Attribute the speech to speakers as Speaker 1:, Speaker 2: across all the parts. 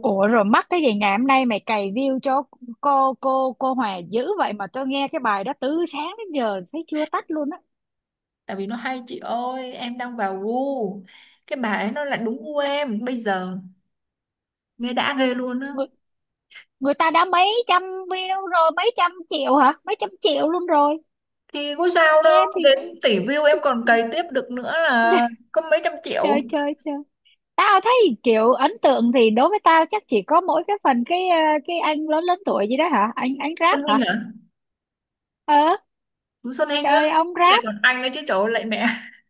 Speaker 1: Ủa rồi mắc cái gì ngày hôm nay mày cày view cho cô Hòa dữ vậy mà tôi nghe cái bài đó từ sáng đến giờ thấy chưa tắt luôn á.
Speaker 2: Tại vì nó hay chị ơi, em đang vào gu cái bà ấy, nó lại đúng gu em bây giờ, nghe đã ghê luôn á.
Speaker 1: Người, Người ta đã mấy trăm view rồi, mấy trăm triệu hả? Mấy trăm triệu luôn rồi.
Speaker 2: Thì có sao đâu,
Speaker 1: Nghe thì
Speaker 2: đến
Speaker 1: cũng
Speaker 2: tỷ view
Speaker 1: thì...
Speaker 2: em còn cày tiếp được nữa là, có mấy trăm triệu.
Speaker 1: trời trời trời. Tao thấy kiểu ấn tượng thì đối với tao chắc chỉ có mỗi cái phần cái anh lớn lớn tuổi gì đó hả? Anh rap
Speaker 2: Xuân Hinh
Speaker 1: hả?
Speaker 2: à?
Speaker 1: Ờ,
Speaker 2: Chú Xuân Hinh á.
Speaker 1: trời ông
Speaker 2: Lại
Speaker 1: rap
Speaker 2: còn anh ấy chứ, trời lại mẹ.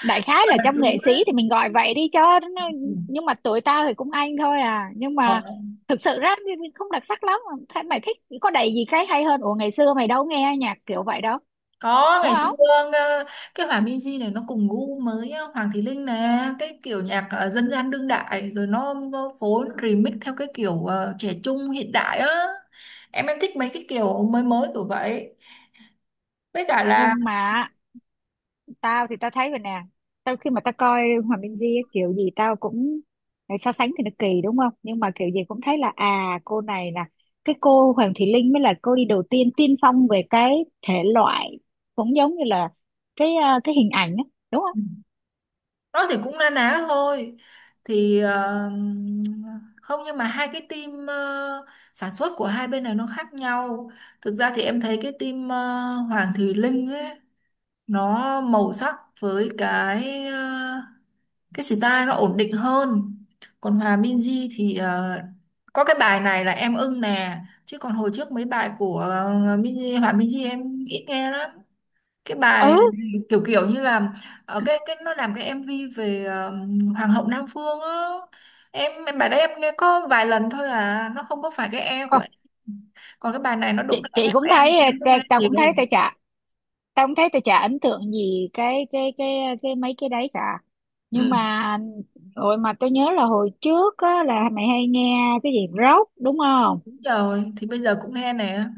Speaker 1: đại khái
Speaker 2: Toàn
Speaker 1: là
Speaker 2: là
Speaker 1: trong nghệ
Speaker 2: chú
Speaker 1: sĩ
Speaker 2: á.
Speaker 1: thì mình gọi vậy đi cho nó-
Speaker 2: Ừ.
Speaker 1: nhưng mà tuổi tao thì cũng anh thôi à, nhưng mà
Speaker 2: Ờ,
Speaker 1: thực sự ra thì không đặc sắc lắm. Thế mày thích có đầy gì cái hay hơn, ủa ngày xưa mày đâu nghe nhạc kiểu vậy đâu
Speaker 2: có,
Speaker 1: đúng
Speaker 2: ngày xưa.
Speaker 1: không?
Speaker 2: ờ, cái Hòa Minzy này nó cùng gu mới á, Hoàng Thùy Linh nè, cái kiểu nhạc dân gian đương đại, rồi nó phối remix theo cái kiểu trẻ trung hiện đại á. Em thích mấy cái kiểu mới mới kiểu vậy, với cả là
Speaker 1: Nhưng mà tao thấy vậy nè, khi mà tao coi Hoàng Minh Di ấy, kiểu gì tao cũng so sánh thì nó kỳ đúng không, nhưng mà kiểu gì cũng thấy là à cô này là cái cô Hoàng Thùy Linh mới là cô đi đầu tiên, tiên phong về cái thể loại, cũng giống như là cái hình ảnh á, đúng không?
Speaker 2: nó thì cũng na ná thôi. Thì không, nhưng mà hai cái team sản xuất của hai bên này nó khác nhau. Thực ra thì em thấy cái team Hoàng Thùy Linh ấy, nó màu sắc với cái style nó ổn định hơn. Còn Hòa Minzy thì có cái bài này là em ưng nè, chứ còn hồi trước mấy bài của Hòa Minzy em ít nghe lắm. Cái
Speaker 1: Ừ.
Speaker 2: bài kiểu kiểu như là ở cái nó làm cái MV về Hoàng hậu Nam Phương á. Em bài đấy em nghe có vài lần thôi à, nó không có phải cái e của
Speaker 1: Không,
Speaker 2: em. Còn cái bài này nó đụng
Speaker 1: chị
Speaker 2: cái
Speaker 1: chị
Speaker 2: e
Speaker 1: cũng
Speaker 2: của em
Speaker 1: thấy
Speaker 2: em cũng nghe
Speaker 1: tao cũng thấy
Speaker 2: nhiều.
Speaker 1: tao cũng thấy tao chả ấn tượng gì cái cái mấy cái đấy cả, nhưng
Speaker 2: Ừ,
Speaker 1: mà rồi mà tôi nhớ là hồi trước á, là mày hay nghe cái gì rock đúng không?
Speaker 2: đúng rồi, thì bây giờ cũng nghe nè,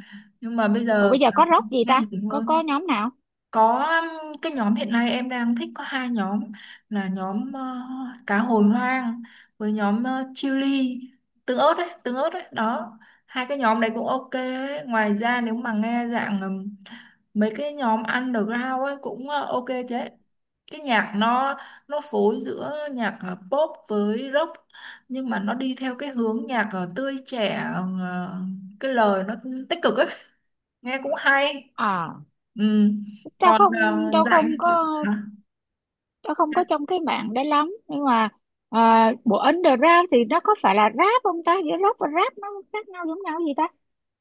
Speaker 2: nhưng mà bây
Speaker 1: Rồi
Speaker 2: giờ
Speaker 1: bây giờ có rock gì
Speaker 2: nghe
Speaker 1: ta,
Speaker 2: nhiều
Speaker 1: có
Speaker 2: hơn.
Speaker 1: nhóm nào?
Speaker 2: Có, cái nhóm hiện nay em đang thích có hai nhóm, là nhóm cá hồi hoang với nhóm chili, tương ớt đấy, tương ớt đấy đó. Hai cái nhóm đấy cũng ok ấy. Ngoài ra nếu mà nghe dạng mấy cái nhóm underground ấy cũng ok chứ, cái nhạc nó phối giữa nhạc pop với rock, nhưng mà nó đi theo cái hướng nhạc tươi trẻ, ờ, cái lời nó tích cực ấy, nghe cũng hay.
Speaker 1: À
Speaker 2: Ừ.
Speaker 1: tao
Speaker 2: Còn
Speaker 1: không tao
Speaker 2: dạng như
Speaker 1: không
Speaker 2: kiểu
Speaker 1: có,
Speaker 2: hả?
Speaker 1: tao không có trong cái mạng đấy lắm nhưng mà bộ underground thì nó có phải là rap không ta, giữa rock và rap nó khác nhau giống nhau gì ta?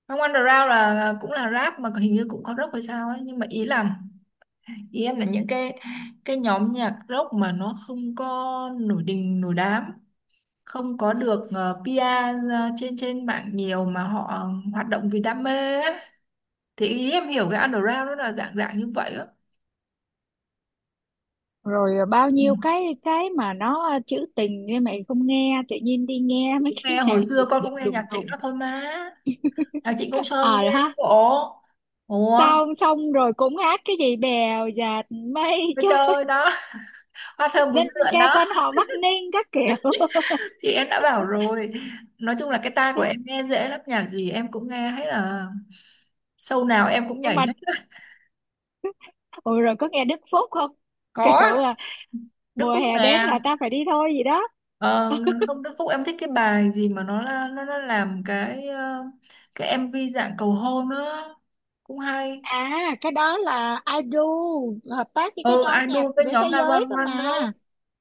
Speaker 2: Không, underground là cũng là rap mà hình như cũng có rock hay sao ấy, nhưng mà ý em là những cái nhóm nhạc rock mà nó không có nổi đình nổi đám, không có được PR trên trên mạng nhiều mà họ hoạt động vì đam mê ấy. Thì ý em hiểu cái underground nó là dạng dạng như vậy á.
Speaker 1: Rồi à, bao
Speaker 2: Ừ.
Speaker 1: nhiêu cái mà nó à, trữ tình nhưng mày không nghe, tự nhiên đi nghe mấy
Speaker 2: Cũng
Speaker 1: cái
Speaker 2: nghe,
Speaker 1: nhạc
Speaker 2: hồi xưa
Speaker 1: Việt
Speaker 2: con
Speaker 1: Việt
Speaker 2: cũng nghe nhạc
Speaker 1: đùng
Speaker 2: Trịnh
Speaker 1: đùng.
Speaker 2: đó thôi mà, nhạc Trịnh Công
Speaker 1: Ờ
Speaker 2: Sơn cũng
Speaker 1: à,
Speaker 2: nghe chứ
Speaker 1: ha,
Speaker 2: bộ. Ủa,
Speaker 1: xong xong rồi cũng hát cái gì bèo dạt mây
Speaker 2: nó
Speaker 1: trôi,
Speaker 2: chơi đó. Hoa thơm bướm
Speaker 1: dân
Speaker 2: lượn
Speaker 1: ca
Speaker 2: đó.
Speaker 1: quan họ Bắc Ninh các kiểu.
Speaker 2: Thì em đã bảo rồi, nói chung là cái tai của em nghe dễ lắm, nhạc gì em cũng nghe hết, là show nào em cũng nhảy
Speaker 1: Nhưng mà
Speaker 2: hết.
Speaker 1: ôi rồi có nghe Đức Phúc không? Kiểu
Speaker 2: Có,
Speaker 1: à,
Speaker 2: Đức
Speaker 1: mùa
Speaker 2: Phúc
Speaker 1: hè đến
Speaker 2: nè.
Speaker 1: là ta phải đi thôi gì đó.
Speaker 2: ờ, Không, Đức Phúc em thích cái bài gì mà nó làm cái MV dạng cầu hôn nữa, cũng hay.
Speaker 1: À cái đó là IDU hợp tác với cái
Speaker 2: Ừ,
Speaker 1: nhóm nhạc
Speaker 2: idol với
Speaker 1: về thế
Speaker 2: nhóm
Speaker 1: giới cơ
Speaker 2: 911
Speaker 1: mà.
Speaker 2: đó.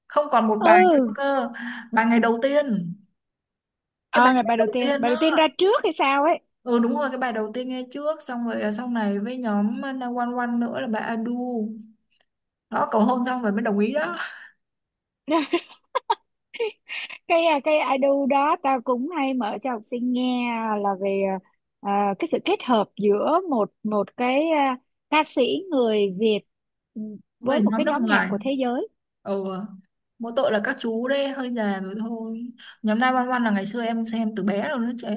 Speaker 2: Không, còn một bài nữa
Speaker 1: Ừ,
Speaker 2: cơ, bài ngày đầu tiên. Cái bài
Speaker 1: ờ ngày
Speaker 2: ngày
Speaker 1: bài đầu
Speaker 2: đầu
Speaker 1: tiên,
Speaker 2: tiên
Speaker 1: bài đầu tiên
Speaker 2: đó.
Speaker 1: ra trước hay sao ấy.
Speaker 2: Ừ đúng rồi, cái bài đầu tiên nghe trước xong rồi à, sau này với nhóm 911 nữa là bài Adu đó, cầu hôn xong rồi mới đồng ý đó.
Speaker 1: Cái à, cái idol đó tao cũng hay mở cho học sinh nghe là về à, cái sự kết hợp giữa một một ca sĩ người Việt, ừ,
Speaker 2: Với
Speaker 1: với một
Speaker 2: nhóm
Speaker 1: cái
Speaker 2: nước
Speaker 1: nhóm nhạc
Speaker 2: ngoài.
Speaker 1: của thế giới.
Speaker 2: Ừ, mỗi tội là các chú đấy hơi già rồi thôi. Nhóm 911 là ngày xưa em xem từ bé rồi nó chứ,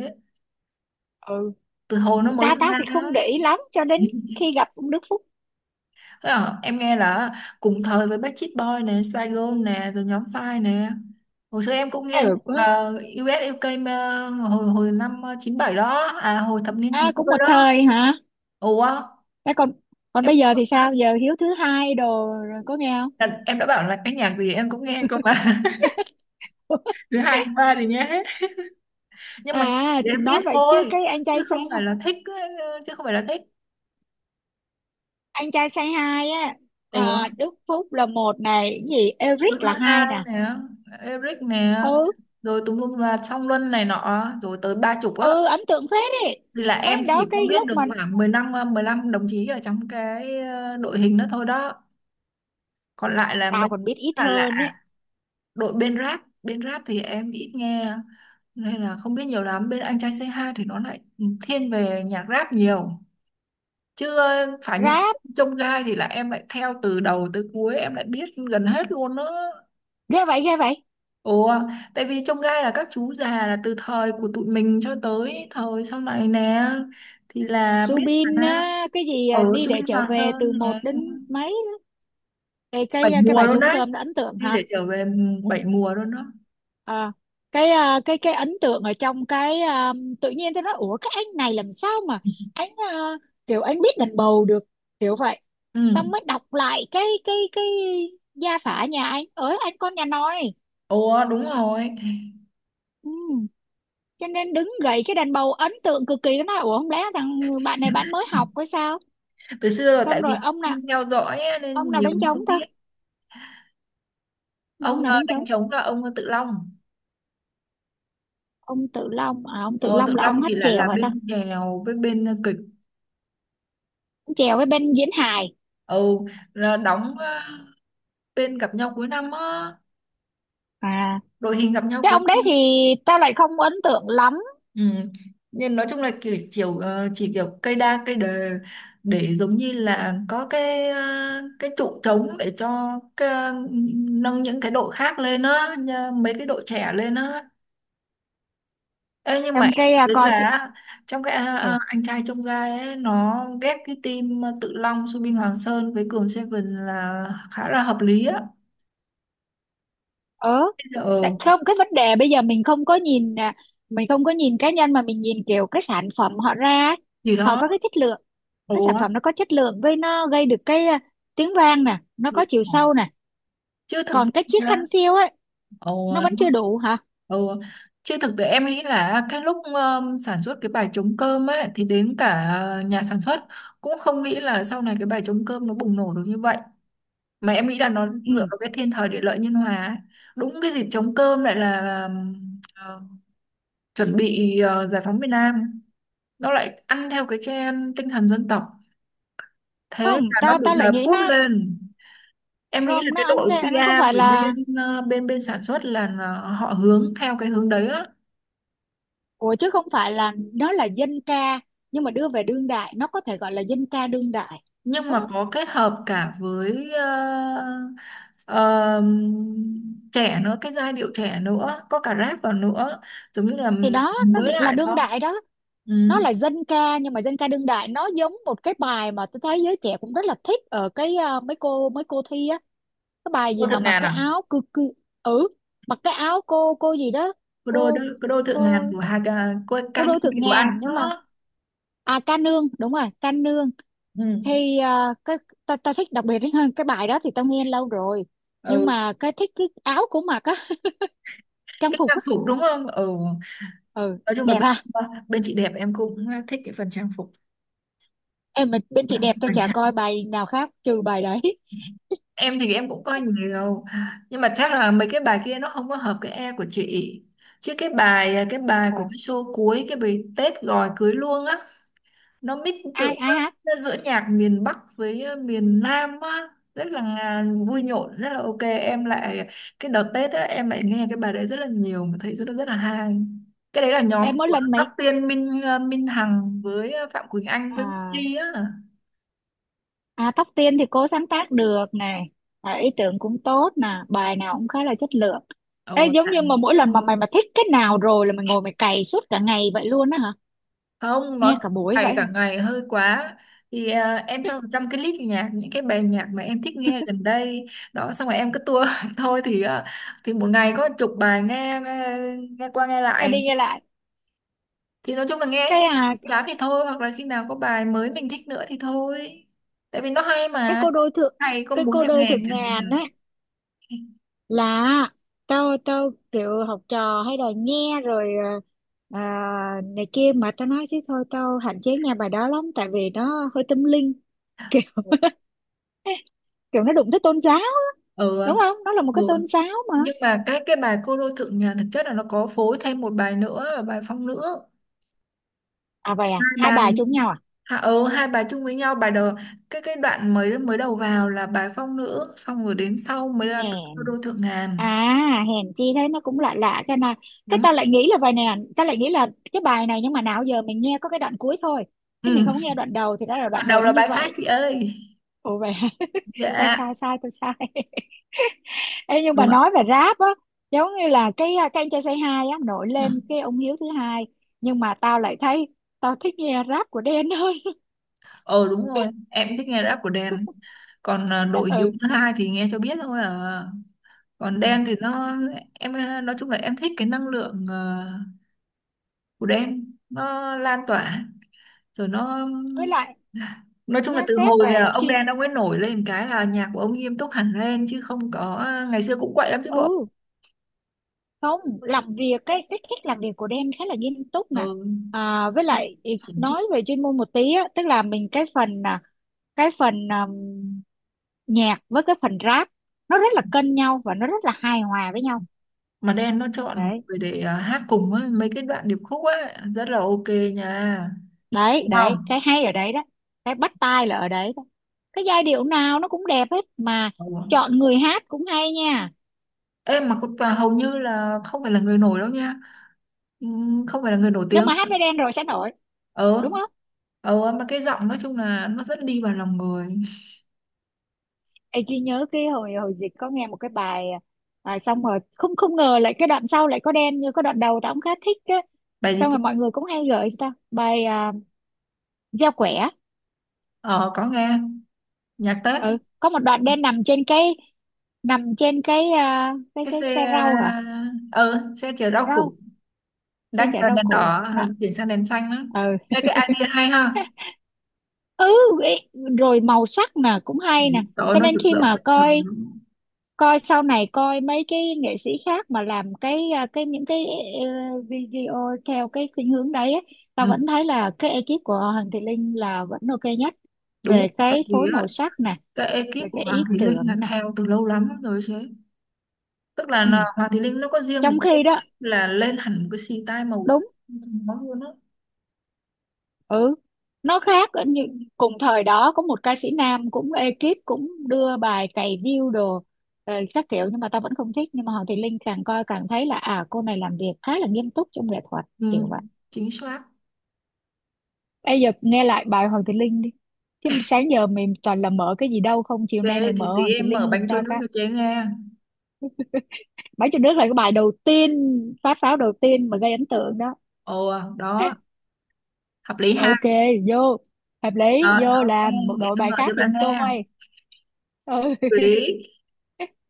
Speaker 1: Ừ,
Speaker 2: từ hồi nó mới
Speaker 1: ta ta
Speaker 2: ra.
Speaker 1: thì không
Speaker 2: Á.
Speaker 1: để ý lắm cho đến khi gặp ông Đức Phúc.
Speaker 2: Thế à, em nghe là cùng thời với Backstreet Boy nè, Spice Girls nè, rồi nhóm Five nè, hồi xưa em cũng nghe.
Speaker 1: Ừ.
Speaker 2: Là US UK mà hồi hồi năm 97 đó à, hồi thập niên
Speaker 1: À,
Speaker 2: chín
Speaker 1: cũng
Speaker 2: mươi
Speaker 1: một
Speaker 2: đó.
Speaker 1: thời hả?
Speaker 2: Ủa.
Speaker 1: Thế còn, còn bây giờ thì sao, giờ Hiếu thứ hai đồ rồi có nghe không?
Speaker 2: Em đã bảo là cái nhạc gì em cũng nghe cơ mà. Thứ hai thứ ba thì nghe hết, nhưng mà
Speaker 1: À
Speaker 2: để biết
Speaker 1: nói vậy chứ
Speaker 2: thôi,
Speaker 1: cái anh
Speaker 2: chứ
Speaker 1: trai say,
Speaker 2: không phải là thích ấy, chứ không phải là thích.
Speaker 1: anh trai say hi á,
Speaker 2: Ủa,
Speaker 1: à, Đức Phúc là một này, cái gì Eric
Speaker 2: đứa thứ
Speaker 1: là hai
Speaker 2: hai
Speaker 1: nè.
Speaker 2: nè, Eric nè,
Speaker 1: Ừ.
Speaker 2: rồi tùm lum là Song Luân này nọ, rồi tới 30 á.
Speaker 1: Ừ ấn tượng phết đấy.
Speaker 2: Thì là
Speaker 1: Mấy
Speaker 2: em
Speaker 1: anh đó
Speaker 2: chỉ
Speaker 1: cái
Speaker 2: có biết
Speaker 1: lúc
Speaker 2: được
Speaker 1: mà
Speaker 2: khoảng 15 mười 15 đồng chí ở trong cái đội hình đó thôi đó. Còn lại là
Speaker 1: tao
Speaker 2: mấy,
Speaker 1: còn biết ít
Speaker 2: là
Speaker 1: hơn
Speaker 2: lạ.
Speaker 1: ấy.
Speaker 2: Đội bên rap thì em ít nghe, nên là không biết nhiều lắm. Bên anh trai c hai thì nó lại thiên về nhạc rap nhiều, chứ phải những cái
Speaker 1: Rap
Speaker 2: trông gai thì là em lại theo từ đầu tới cuối, em lại biết gần hết luôn đó.
Speaker 1: ghê vậy, ghê vậy.
Speaker 2: Ồ. Tại vì trông gai là các chú già, là từ thời của tụi mình cho tới thời sau này nè, thì là biết.
Speaker 1: Subin
Speaker 2: Mà
Speaker 1: á, cái gì à,
Speaker 2: ở
Speaker 1: đi để
Speaker 2: Subin
Speaker 1: trở
Speaker 2: Hòa
Speaker 1: về từ
Speaker 2: Sơn
Speaker 1: một
Speaker 2: là
Speaker 1: đến mấy, cái
Speaker 2: bảy
Speaker 1: cái
Speaker 2: mùa
Speaker 1: bài
Speaker 2: luôn
Speaker 1: trống
Speaker 2: đấy,
Speaker 1: cơm đó ấn tượng
Speaker 2: đi
Speaker 1: hả?
Speaker 2: để trở về 7 mùa luôn đó.
Speaker 1: Ờ. Cái ấn tượng ở trong tự nhiên tôi nói ủa cái anh này làm sao mà anh à, kiểu anh biết đàn bầu được kiểu vậy.
Speaker 2: Ừ.
Speaker 1: Xong mới đọc lại cái gia phả nhà anh ở, anh con nhà nòi.
Speaker 2: Ồ đúng rồi,
Speaker 1: Ừ. Cho nên đứng gậy cái đàn bầu ấn tượng cực kỳ, nó nói ủa không lẽ thằng bạn này bạn mới học hay sao?
Speaker 2: từ xưa là
Speaker 1: Xong
Speaker 2: tại
Speaker 1: rồi
Speaker 2: vì
Speaker 1: ông nào,
Speaker 2: không theo dõi á,
Speaker 1: ông
Speaker 2: nên
Speaker 1: nào
Speaker 2: nhiều
Speaker 1: đánh
Speaker 2: cũng
Speaker 1: trống
Speaker 2: không
Speaker 1: ta,
Speaker 2: biết.
Speaker 1: ông
Speaker 2: Ông
Speaker 1: nào đánh trống?
Speaker 2: đánh trống là ông Tự Long.
Speaker 1: Ông Tự Long à, ông Tự
Speaker 2: Ờ, Tự
Speaker 1: Long là ông
Speaker 2: Long
Speaker 1: hát
Speaker 2: thì là
Speaker 1: chèo hả ta?
Speaker 2: bên chèo với bên kịch.
Speaker 1: Ông chèo với bên diễn hài.
Speaker 2: Ừ, là đóng tên gặp nhau cuối năm á,
Speaker 1: À
Speaker 2: đội hình gặp nhau
Speaker 1: cái
Speaker 2: cuối
Speaker 1: ông đấy
Speaker 2: năm.
Speaker 1: thì tao lại không ấn tượng lắm.
Speaker 2: Ừ. Nhưng nói chung là kiểu chiều chỉ kiểu cây đa cây đề, để giống như là có cái cái trụ trống để cho nâng những cái đội khác lên á, mấy cái đội trẻ lên á. Ê, nhưng mà
Speaker 1: Trong
Speaker 2: em
Speaker 1: cái à,
Speaker 2: thấy
Speaker 1: coi cái,
Speaker 2: là trong cái
Speaker 1: ừ,
Speaker 2: anh trai trong gai ấy, nó ghép cái team Tự Long, Subin Hoàng Sơn với Cường Seven là khá là hợp lý á.
Speaker 1: ờ
Speaker 2: Bây giờ,
Speaker 1: tại
Speaker 2: ừ,
Speaker 1: không cái vấn đề bây giờ mình không có nhìn à, mình không có nhìn cá nhân mà mình nhìn kiểu cái sản phẩm họ ra ấy.
Speaker 2: thì
Speaker 1: Họ
Speaker 2: đó,
Speaker 1: có cái chất lượng, cái
Speaker 2: đúng,
Speaker 1: sản phẩm nó có chất lượng với nó gây được tiếng vang nè, nó có chiều
Speaker 2: đúng.
Speaker 1: sâu nè.
Speaker 2: Chứ thực.
Speaker 1: Còn cái chiếc khăn phiêu ấy
Speaker 2: Ồ,
Speaker 1: nó vẫn chưa đủ hả?
Speaker 2: ồ, chứ thực tế em nghĩ là cái lúc sản xuất cái bài trống cơm ấy, thì đến cả nhà sản xuất cũng không nghĩ là sau này cái bài trống cơm nó bùng nổ được như vậy. Mà em nghĩ là nó dựa
Speaker 1: Ừ.
Speaker 2: vào cái thiên thời địa lợi nhân hòa ấy. Đúng, cái dịp trống cơm lại là ờ, chuẩn bị giải phóng miền Nam, nó lại ăn theo cái trend tinh thần dân tộc, thế
Speaker 1: Không
Speaker 2: là nó
Speaker 1: tao
Speaker 2: được
Speaker 1: tao lại
Speaker 2: đập
Speaker 1: nghĩ
Speaker 2: bút
Speaker 1: nó
Speaker 2: lên. Em nghĩ là
Speaker 1: không, nó
Speaker 2: cái
Speaker 1: ăn
Speaker 2: đội
Speaker 1: thế nó không
Speaker 2: PR
Speaker 1: phải
Speaker 2: của
Speaker 1: là,
Speaker 2: bên ờ, bên bên sản xuất là họ hướng theo cái hướng đấy á.
Speaker 1: ủa chứ không phải là nó là dân ca nhưng mà đưa về đương đại, nó có thể gọi là dân ca đương đại.
Speaker 2: Nhưng
Speaker 1: Đúng.
Speaker 2: mà có kết hợp cả với ờ, trẻ nữa, cái giai điệu trẻ nữa, có cả rap vào nữa, giống như là
Speaker 1: Thì đó nó
Speaker 2: mới
Speaker 1: là
Speaker 2: lại
Speaker 1: đương
Speaker 2: đó.
Speaker 1: đại đó.
Speaker 2: Ừ.
Speaker 1: Nó là dân ca nhưng mà dân ca đương đại, nó giống một cái bài mà tôi thấy giới trẻ cũng rất là thích ở cái ờ, mấy cô thi á. Cái bài
Speaker 2: Cô
Speaker 1: gì mà
Speaker 2: Thượng
Speaker 1: mặc
Speaker 2: Ngàn
Speaker 1: cái
Speaker 2: à?
Speaker 1: áo cư cư. Ừ, mặc cái áo cô gì đó,
Speaker 2: Cô đôi đó,
Speaker 1: cô
Speaker 2: cô đôi Thượng Ngàn
Speaker 1: cô
Speaker 2: của Hà, cô
Speaker 1: cô
Speaker 2: Can
Speaker 1: đôi thượng
Speaker 2: Kiều Anh
Speaker 1: ngàn. Nhưng mà
Speaker 2: đó.
Speaker 1: à ca nương, đúng rồi ca nương.
Speaker 2: Ừ.
Speaker 1: Thì ờ, cái tao tao thích đặc biệt ấy, hơn cái bài đó thì tao nghe lâu rồi nhưng
Speaker 2: Ừ.
Speaker 1: mà cái thích cái áo của mặc á, trang
Speaker 2: Cái
Speaker 1: phục
Speaker 2: trang
Speaker 1: á.
Speaker 2: phục đúng không? Ừ.
Speaker 1: Ừ
Speaker 2: Nói chung là
Speaker 1: đẹp
Speaker 2: bên,
Speaker 1: ha.
Speaker 2: bên chị đẹp em cũng thích cái phần trang
Speaker 1: Em mà bên chị đẹp tôi chả coi
Speaker 2: phục.
Speaker 1: bài nào khác trừ bài đấy.
Speaker 2: Em thì em cũng coi nhiều, nhưng mà chắc là mấy cái bài kia nó không có hợp cái e của chị. Chứ cái bài
Speaker 1: Ờ,
Speaker 2: của cái show cuối, cái bài Tết gọi cưới luôn á, nó mix giữa,
Speaker 1: ai ai hát?
Speaker 2: nó giữa nhạc miền Bắc với miền Nam á, rất là vui nhộn, rất là ok. Em lại cái đợt Tết á, em lại nghe cái bài đấy rất là nhiều, mà thấy rất là hay. Cái đấy là nhóm
Speaker 1: Em mỗi
Speaker 2: của
Speaker 1: lần
Speaker 2: Tóc
Speaker 1: mấy
Speaker 2: Tiên, Minh Hằng với Phạm Quỳnh Anh với
Speaker 1: à,
Speaker 2: Missy á.
Speaker 1: à Tóc Tiên thì cô sáng tác được này, à, ý tưởng cũng tốt nè, bài nào cũng khá là chất lượng. Ê,
Speaker 2: Ồ,
Speaker 1: giống
Speaker 2: rất,
Speaker 1: như mà mỗi lần mà mày mà thích cái nào rồi là mày ngồi mày cày suốt cả ngày vậy luôn á hả?
Speaker 2: không nói,
Speaker 1: Nghe cả buổi
Speaker 2: thầy
Speaker 1: vậy
Speaker 2: cả
Speaker 1: hả?
Speaker 2: ngày hơi quá. Thì em cho 100 cái list nhạc những cái bài nhạc mà em thích nghe gần đây đó, xong rồi em cứ tua thôi, thì thì một ngày có chục bài nghe, nghe nghe qua nghe
Speaker 1: Nghe
Speaker 2: lại.
Speaker 1: đi nghe lại.
Speaker 2: Thì nói chung là nghe
Speaker 1: Cái
Speaker 2: khi nào
Speaker 1: à,
Speaker 2: chán thì thôi, hoặc là khi nào có bài mới mình thích nữa thì thôi, tại vì nó hay
Speaker 1: cái
Speaker 2: mà,
Speaker 1: cô đôi thượng,
Speaker 2: hay có
Speaker 1: cái
Speaker 2: muốn
Speaker 1: cô
Speaker 2: nghe
Speaker 1: đôi
Speaker 2: nghe
Speaker 1: thượng
Speaker 2: chẳng
Speaker 1: ngàn
Speaker 2: hạn.
Speaker 1: á, là tao tao kiểu học trò hay đòi nghe rồi à, này kia mà tao nói chứ thôi tao hạn chế nghe bài đó lắm tại vì nó hơi tâm linh kiểu kiểu nó đụng tới tôn giáo,
Speaker 2: Ừ,
Speaker 1: đúng không, nó là một cái
Speaker 2: ừ.
Speaker 1: tôn giáo mà.
Speaker 2: Nhưng mà cái bài cô đô thượng nhà thực chất là nó có phối thêm một bài nữa, và bài phong nữ.
Speaker 1: À vậy à,
Speaker 2: Hai
Speaker 1: hai
Speaker 2: bài,
Speaker 1: bài chung nhau à?
Speaker 2: hạ ừ, hai bà chung với nhau, bà đầu, cái đoạn mới mới đầu vào là bà phong nữ, xong rồi đến sau mới là tự do đô
Speaker 1: Hèn,
Speaker 2: thượng ngàn.
Speaker 1: à hèn chi thế nó cũng lạ lạ cái này. Cái
Speaker 2: Đúng.
Speaker 1: ta lại nghĩ là bài này là- ta lại nghĩ là cái bài này, nhưng mà nào giờ mình nghe có cái đoạn cuối thôi chứ mình
Speaker 2: Ừ.
Speaker 1: không nghe đoạn đầu, thì đó là
Speaker 2: Đoạn
Speaker 1: đoạn
Speaker 2: đầu
Speaker 1: đầu nó
Speaker 2: là
Speaker 1: như
Speaker 2: bài khác
Speaker 1: vậy.
Speaker 2: chị ơi.
Speaker 1: Ồ vậy à? sai
Speaker 2: Dạ,
Speaker 1: sai sai tôi sai. Ê, nhưng
Speaker 2: đúng
Speaker 1: mà
Speaker 2: rồi.
Speaker 1: nói về rap á, giống như là cái à, cái anh trai say hi á, nổi
Speaker 2: Ừ.
Speaker 1: lên cái ông Hiếu thứ hai, nhưng mà tao lại thấy tao thích nghe rap của Đen hơn.
Speaker 2: Ờ đúng rồi, em thích nghe rap của Đen. Còn đội yếu
Speaker 1: Ừ.
Speaker 2: thứ hai thì nghe cho biết thôi à. Còn Đen
Speaker 1: Ừ.
Speaker 2: thì nó, em nói chung là em thích cái năng lượng của Đen nó lan tỏa, rồi nó,
Speaker 1: Với lại
Speaker 2: nói chung
Speaker 1: nhá
Speaker 2: là từ
Speaker 1: xét
Speaker 2: hồi
Speaker 1: về
Speaker 2: là ông
Speaker 1: chuyên,
Speaker 2: Đen ông ấy nổi lên cái là nhạc của ông nghiêm túc hẳn lên, chứ không có ngày xưa cũng quậy lắm chứ bộ.
Speaker 1: ừ không làm việc, cái cách làm việc của Dan khá là nghiêm túc nè.
Speaker 2: Ừ.
Speaker 1: À, với lại ý-
Speaker 2: Chỉnh chút.
Speaker 1: nói về chuyên môn một tí á, tức là mình cái phần à, nhạc với cái phần rap, nó rất là cân nhau và nó rất là hài hòa với nhau.
Speaker 2: Mà Đen nó chọn
Speaker 1: đấy
Speaker 2: người để hát cùng ấy, mấy cái đoạn điệp khúc ấy rất là ok nha,
Speaker 1: đấy
Speaker 2: đúng
Speaker 1: đấy
Speaker 2: không.
Speaker 1: cái hay ở đấy đó, cái bắt tai là ở đấy đó, cái giai điệu nào nó cũng đẹp hết mà.
Speaker 2: Ừ.
Speaker 1: Chọn người hát cũng hay nha.
Speaker 2: Em mà và hầu như là không phải là người nổi đâu nha. Ừ, không phải là người nổi
Speaker 1: Nhưng
Speaker 2: tiếng.
Speaker 1: mà hát với Dan rồi sẽ nổi,
Speaker 2: Ờ,
Speaker 1: đúng không?
Speaker 2: ờ, mà cái giọng nói chung là nó rất đi vào lòng người.
Speaker 1: Ê, Duy nhớ cái hồi hồi dịch có nghe một cái bài à, xong rồi không, không ngờ lại cái đoạn sau lại có đen như cái đoạn đầu tao cũng khá thích á.
Speaker 2: Bài gì
Speaker 1: Xong
Speaker 2: chứ?
Speaker 1: rồi mọi người cũng hay gửi cho tao bài à, gieo quẻ.
Speaker 2: Ờ, có nghe, nhạc Tết.
Speaker 1: Ừ có một đoạn đen nằm trên cái, nằm trên cái à, cái
Speaker 2: Cái
Speaker 1: cái
Speaker 2: xe,
Speaker 1: xe rau hả,
Speaker 2: ờ ừ, xe chở rau củ
Speaker 1: rau, xe
Speaker 2: đang
Speaker 1: chở
Speaker 2: chờ
Speaker 1: rau
Speaker 2: đèn đỏ,
Speaker 1: củ
Speaker 2: ờ,
Speaker 1: đó.
Speaker 2: chuyển sang đèn xanh á.
Speaker 1: Ừ.
Speaker 2: Ê, cái idea hay ha.
Speaker 1: Ừ, ý, rồi màu sắc nè cũng
Speaker 2: Ừ,
Speaker 1: hay nè.
Speaker 2: trời ơi,
Speaker 1: Cho
Speaker 2: nó
Speaker 1: nên
Speaker 2: rực
Speaker 1: khi
Speaker 2: rỡ
Speaker 1: mà
Speaker 2: quá trời
Speaker 1: coi,
Speaker 2: luôn.
Speaker 1: coi sau này coi mấy cái nghệ sĩ khác mà làm cái à, cái những cái ờ, video theo cái khuynh hướng đấy ấy, tao
Speaker 2: Ừ,
Speaker 1: vẫn thấy là cái ekip của Hoàng Thị Linh là vẫn ok nhất
Speaker 2: đúng,
Speaker 1: về
Speaker 2: tại
Speaker 1: cái
Speaker 2: vì
Speaker 1: phối
Speaker 2: á,
Speaker 1: màu sắc nè,
Speaker 2: cái ekip
Speaker 1: về
Speaker 2: của
Speaker 1: cái
Speaker 2: Hoàng
Speaker 1: ý
Speaker 2: Thùy Linh là
Speaker 1: tưởng nè.
Speaker 2: theo từ lâu lắm rồi chứ, tức là,
Speaker 1: Ừ.
Speaker 2: là Hoàng Thùy Linh nó có riêng một
Speaker 1: Trong
Speaker 2: cái
Speaker 1: khi
Speaker 2: ekip,
Speaker 1: đó,
Speaker 2: là lên hẳn một cái xì tai màu sắc
Speaker 1: đúng,
Speaker 2: cho nó luôn á.
Speaker 1: ừ nó khác ở như cùng thời đó có một ca sĩ nam cũng ekip cũng đưa bài cày view đồ ờ, các kiểu, nhưng mà tao vẫn không thích, nhưng mà Hoàng Thị Linh càng coi càng thấy là à cô này làm việc khá là nghiêm túc trong nghệ thuật
Speaker 2: Ừ,
Speaker 1: kiểu vậy.
Speaker 2: chính xác.
Speaker 1: Bây giờ nghe lại bài Hoàng Thị Linh đi. Chứ sáng giờ mày toàn là mở cái gì đâu không? Chiều nay
Speaker 2: Về
Speaker 1: mày
Speaker 2: thì
Speaker 1: mở
Speaker 2: tí
Speaker 1: Hoàng Thị
Speaker 2: em mở
Speaker 1: Linh giùm
Speaker 2: bánh trôi
Speaker 1: tao
Speaker 2: nước
Speaker 1: cái.
Speaker 2: cho chế nghe.
Speaker 1: Bãi trên nước là cái bài đầu tiên, phát pháo đầu tiên mà gây ấn tượng đó.
Speaker 2: Ồ đó, hợp lý ha.
Speaker 1: Ok, vô. Hợp lý,
Speaker 2: Rồi
Speaker 1: vô
Speaker 2: ok,
Speaker 1: làm một
Speaker 2: để
Speaker 1: đội
Speaker 2: tôi
Speaker 1: bài
Speaker 2: gọi cho
Speaker 1: khác giùm
Speaker 2: bạn nghe hợp
Speaker 1: tôi. Ừ.
Speaker 2: lý